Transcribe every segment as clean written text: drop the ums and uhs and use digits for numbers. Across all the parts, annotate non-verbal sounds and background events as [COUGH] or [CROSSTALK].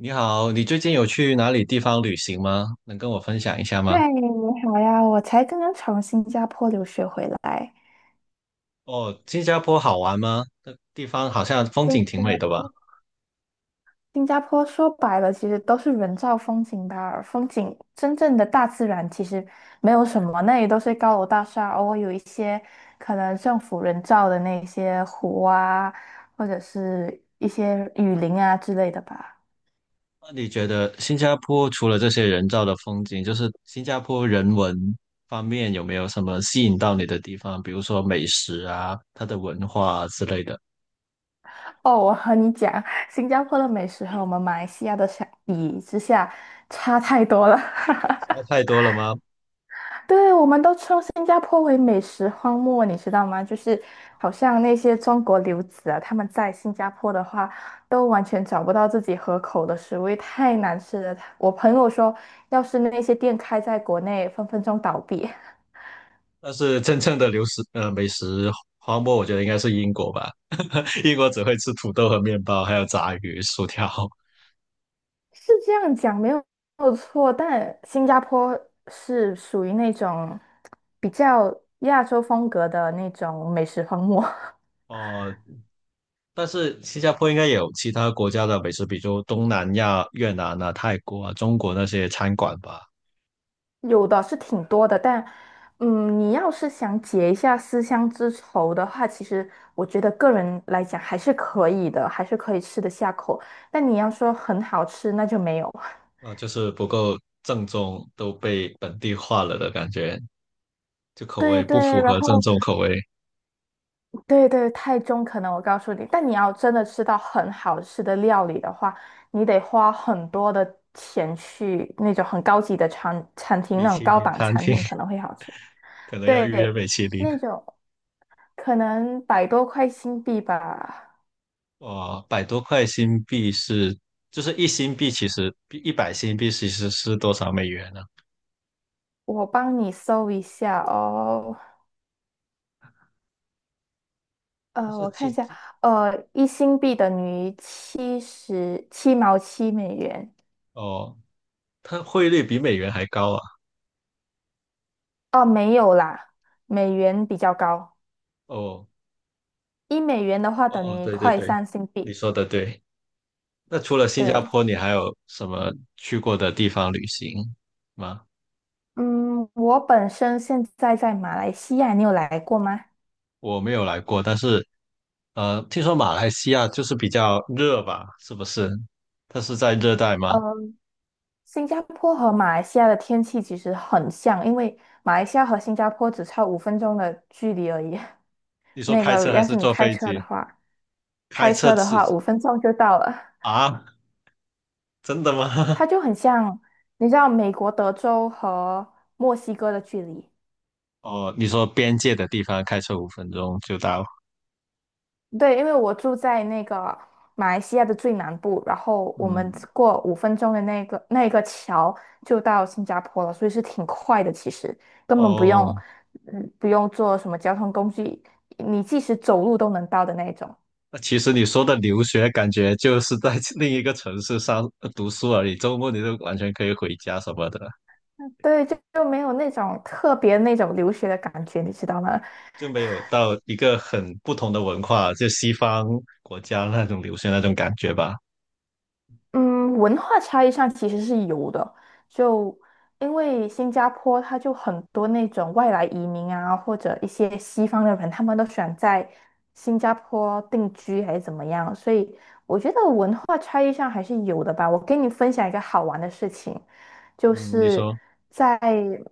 你好，你最近有去哪里地方旅行吗？能跟我分享一下吗？嗨，你好呀！我才刚刚从新加坡留学回来。哦，新加坡好玩吗？那地方好像风景新挺加美的吧？坡，新加坡说白了，其实都是人造风景吧。风景真正的大自然其实没有什么，那里都是高楼大厦，偶尔有一些可能政府人造的那些湖啊，或者是一些雨林啊之类的吧。那你觉得新加坡除了这些人造的风景，就是新加坡人文方面有没有什么吸引到你的地方？比如说美食啊，它的文化啊之类的，哦，我和你讲，新加坡的美食和我们马来西亚的相比之下差太多了。[LAUGHS] 太多了吗？对，我们都称新加坡为美食荒漠，你知道吗？就是好像那些中国留子啊，他们在新加坡的话，都完全找不到自己合口的食物，因为太难吃了。我朋友说，要是那些店开在国内，分分钟倒闭。[LAUGHS] 但是真正的美食荒漠，我觉得应该是英国吧。[LAUGHS] 英国只会吃土豆和面包，还有炸鱼、薯条。[LAUGHS] 是这样讲没有错，但新加坡是属于那种比较亚洲风格的那种美食荒漠。[LAUGHS] 哦，但是新加坡应该也有其他国家的美食，比如东南亚、越南啊、泰国啊、中国那些餐馆吧，有的是挺多的，但，你要是想解一下思乡之愁的话，其实我觉得个人来讲还是可以的，还是可以吃得下口。但你要说很好吃，那就没有。[LAUGHS] 啊，就是不够正宗，都被本地化了的感觉，就口对味对，不符然合正后宗口味。对对，太中可能我告诉你，但你要真的吃到很好吃的料理的话，你得花很多的钱去那种很高级的餐厅，米那种其高林档餐餐厅 厅 [LAUGHS] 可能会好吃。可能要预约对，米其林，那种可能100多块新币吧。哦，百多块新币是，就是1新币其实100新币其实是多少美元呢、我帮你搜一下哦。但是我其看一实下，一新币等于七十七毛七美元。哦，它汇率比美元还高啊。哦，没有啦，美元比较高。哦1美元的话哦等哦，于一对对块对，三新你币。说的对。那除了新加对，坡，你还有什么去过的地方旅行吗？嗯，我本身现在在马来西亚，你有来过吗？我没有来过，但是听说马来西亚就是比较热吧？是不是？它是在热带吗？呃，新加坡和马来西亚的天气其实很像，因为马来西亚和新加坡只差五分钟的距离而已。你 [LAUGHS] 说那开车个，还要是是你坐开飞车的机？话。开开车车的只话，五分钟就到了。啊？真的吗？[LAUGHS] 它就很像，你知道美国德州和墨西哥的距离。哦，你说边界的地方开车5分钟就到。对，因为我住在那个马来西亚的最南部，然后我们嗯，过五分钟的那个桥就到新加坡了，所以是挺快的。其实根本不用，哦，不用坐什么交通工具，你即使走路都能到的那种。那其实你说的留学，感觉就是在 [LAUGHS] 另一个城市上读书而已，周末你就完全可以回家什么的。对，就没有那种特别那种留学的感觉，你知道吗？就没有到一个很不同的文化，就西方国家那种流行那种感觉吧。嗯，文化差异上其实是有的，就因为新加坡它就很多那种外来移民啊，或者一些西方的人，他们都选在新加坡定居还是怎么样，所以我觉得文化差异上还是有的吧。我跟你分享一个好玩的事情，就嗯，你是说。在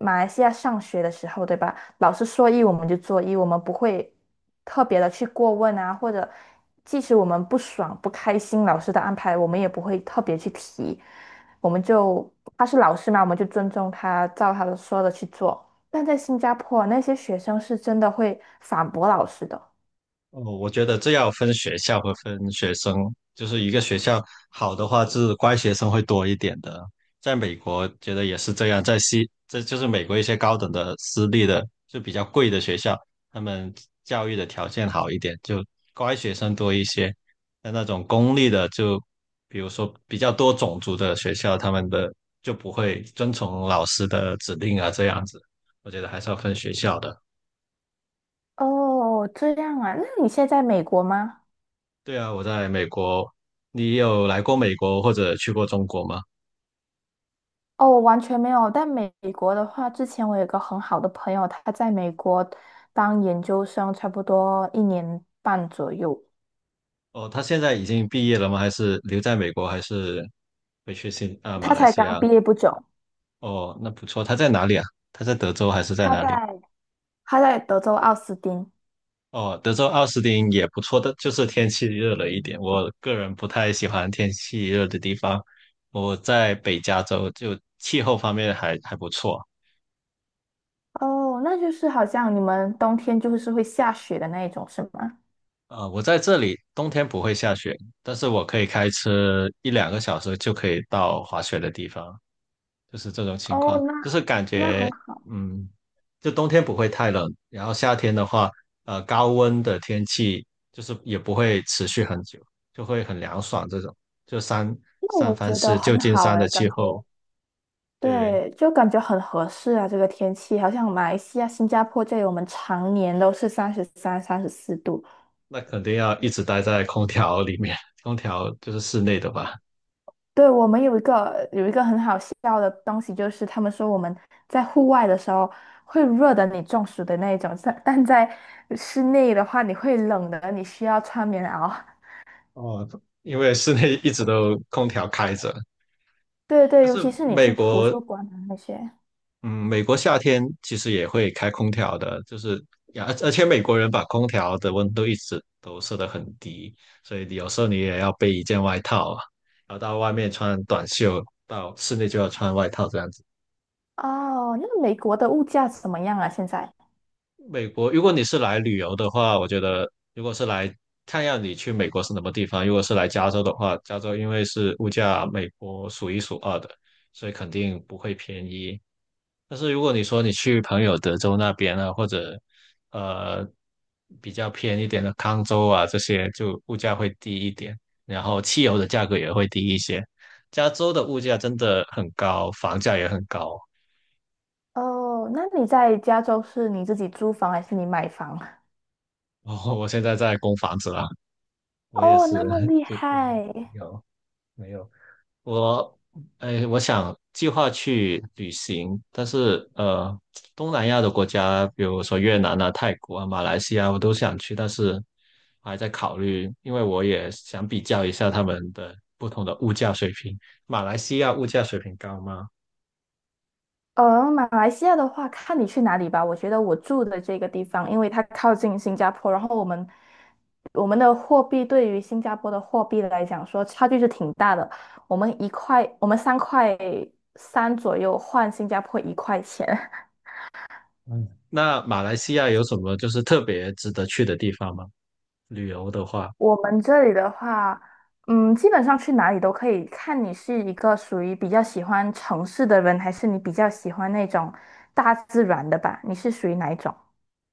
马来西亚上学的时候，对吧？老师说一我们就做一，我们不会特别的去过问啊，或者即使我们不爽不开心老师的安排，我们也不会特别去提，我们就他是老师嘛，我们就尊重他，照他的说的去做。但在新加坡，那些学生是真的会反驳老师的。哦，我觉得这要分学校和分学生，就是一个学校好的话是乖学生会多一点的，在美国觉得也是这样，在西，这就是美国一些高等的私立的就比较贵的学校，他们教育的条件好一点，就乖学生多一些。但那种公立的就，比如说比较多种族的学校，他们的就不会遵从老师的指令啊，这样子，我觉得还是要分学校的。哦，这样啊，那你现在在美国吗？对啊，我在美国。你有来过美国或者去过中国吗？哦，我完全没有。但美国的话，之前我有一个很好的朋友，他在美国当研究生，差不多1年半左右。哦，他现在已经毕业了吗？还是留在美国，还是回去马他来才西刚亚？毕业不久，哦，那不错。他在哪里啊？他在德州还是在他哪里？在他在德州奥斯汀。哦，德州奥斯汀也不错的，就是天气热了一点。我个人不太喜欢天气热的地方。我在北加州，就气候方面还不错。哦，那就是好像你们冬天就是会下雪的那一种，是吗？啊。我在这里冬天不会下雪，但是我可以开车一两个小时就可以到滑雪的地方。就是这种情哦，况，那就是感那很觉好，嗯，就冬天不会太冷，然后夏天的话，高温的天气就是也不会持续很久，就会很凉爽这种。就那三我藩觉得市旧很金好山哎，的气感觉候，对，对，就感觉很合适啊，这个天气，好像马来西亚、新加坡这里，我们常年都是33、34度。那肯定要一直待在空调里面，空调就是室内的吧？对，我们有一个很好笑的东西，就是他们说我们在户外的时候会热的你中暑的那一种，但在室内的话你会冷的，你需要穿棉袄。[LAUGHS] 哦，因为室内一直都空调开着，对对，但尤其是是你美去图国书馆啊那些。嗯，美国夏天其实也会开空调的，就是呀，而且美国人把空调的温度一直都设得很低，所以你有时候你也要备一件外套啊，然后到外面穿短袖，到室内就要穿外套这样子。哦，那美国的物价怎么样啊？现在？美国，如果你是来旅游的话，我觉得如果是来看样你去美国是什么地方，如果是来加州的话，加州因为是物价美国数一数二的，所以肯定不会便宜。但是如果你说你去朋友德州那边啊，或者呃比较偏一点的康州啊，这些就物价会低一点，然后汽油的价格也会低一些。加州的物价真的很高，房价也很高。[LAUGHS] 哦，那你在加州是你自己租房还是你买房？哦，我现在在供房子啦，我也哦，是，那么 [LAUGHS] 厉就害。有没有我，哎，我想计划去旅行，但是东南亚的国家，比如说越南啊、泰国啊、马来西亚，我都想去，但是还在考虑，因为我也想比较一下他们的不同的物价水平。马来西亚物价水平高吗？马来西亚的话，看你去哪里吧。我觉得我住的这个地方，因为它靠近新加坡，然后我们的货币对于新加坡的货币来讲说，差距是挺大的。我们一块，我们3块3左右换新加坡1块钱。[LAUGHS] 嗯，那马来西亚有什么就是特别值得去的地方吗？旅游的话。我们这里的话，基本上去哪里都可以，看你是一个属于比较喜欢城市的人，还是你比较喜欢那种大自然的吧？你是属于哪一种？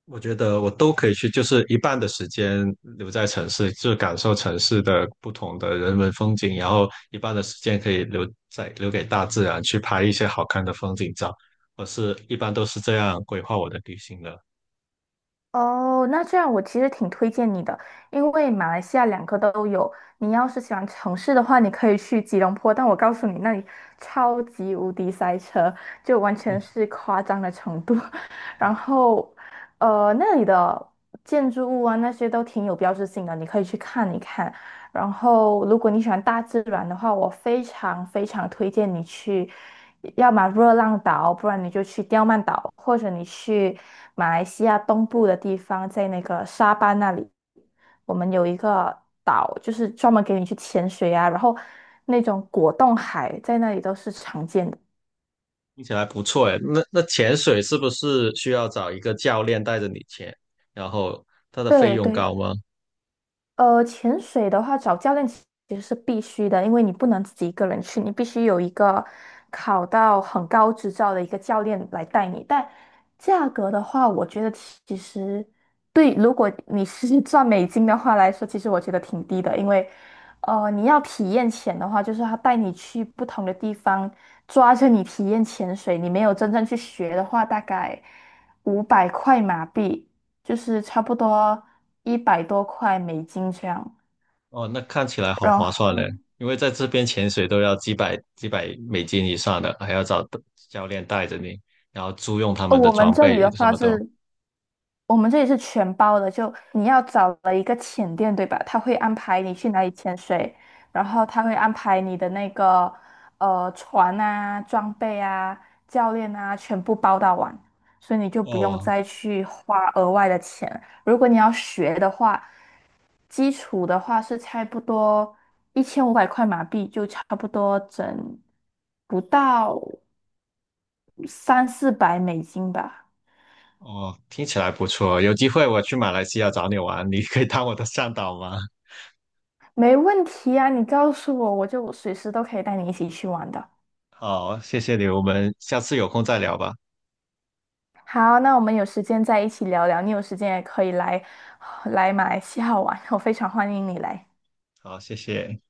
我觉得我都可以去，就是一半的时间留在城市，就是感受城市的不同的人文风景，然后一半的时间可以留在留给大自然，去拍一些好看的风景照。我是一般都是这样规划我的旅行的，哦，那这样我其实挺推荐你的，因为马来西亚两个都有。你要是喜欢城市的话，你可以去吉隆坡，但我告诉你，那里超级无敌塞车，就完全是夸张的程度。[LAUGHS] 然后，那里的建筑物啊那些都挺有标志性的，你可以去看一看。然后，如果你喜欢大自然的话，我非常非常推荐你去，要么热浪岛，不然你就去刁曼岛，或者你去马来西亚东部的地方，在那个沙巴那里，我们有一个岛，就是专门给你去潜水啊，然后那种果冻海在那里都是常见的。听起来不错诶。那潜水是不是需要找一个教练带着你潜？然后它的费对用对，高吗？潜水的话，找教练其实是必须的，因为你不能自己一个人去，你必须有一个考到很高执照的一个教练来带你。但价格的话，我觉得其实对，如果你是 [LAUGHS] 赚美金的话来说，其实我觉得挺低的，因为你要体验潜的话，就是他带你去不同的地方，抓着你体验潜水，你没有真正去学的话，大概五百块马币。就是差不多100多块美金这样。哦，那看起来好然后，划算嘞，因为在这边潜水都要几百几百美金以上的，还要找教练带着你，然后租用他呃们的我们装这里备的什话么的。是我们这里是全包的，就你要找了一个潜店，对吧？他会安排你去哪里潜水，然后他会安排你的那个船啊、装备啊、教练啊，全部包到完，所以你就不用哦再去花额外的钱。如果你要学的话，基础的话是差不多1500块马币，就差不多整不到三四百美金吧。哦，听起来不错，有机会我去马来西亚找你玩，你可以当我的向导吗？没问题啊，你告诉我，我就随时都可以带你一起去玩的。好，谢谢你，我们下次有空再聊吧。好，那我们有时间再一起聊聊，你有时间也可以来马来西亚玩，我非常欢迎你来。好，谢谢。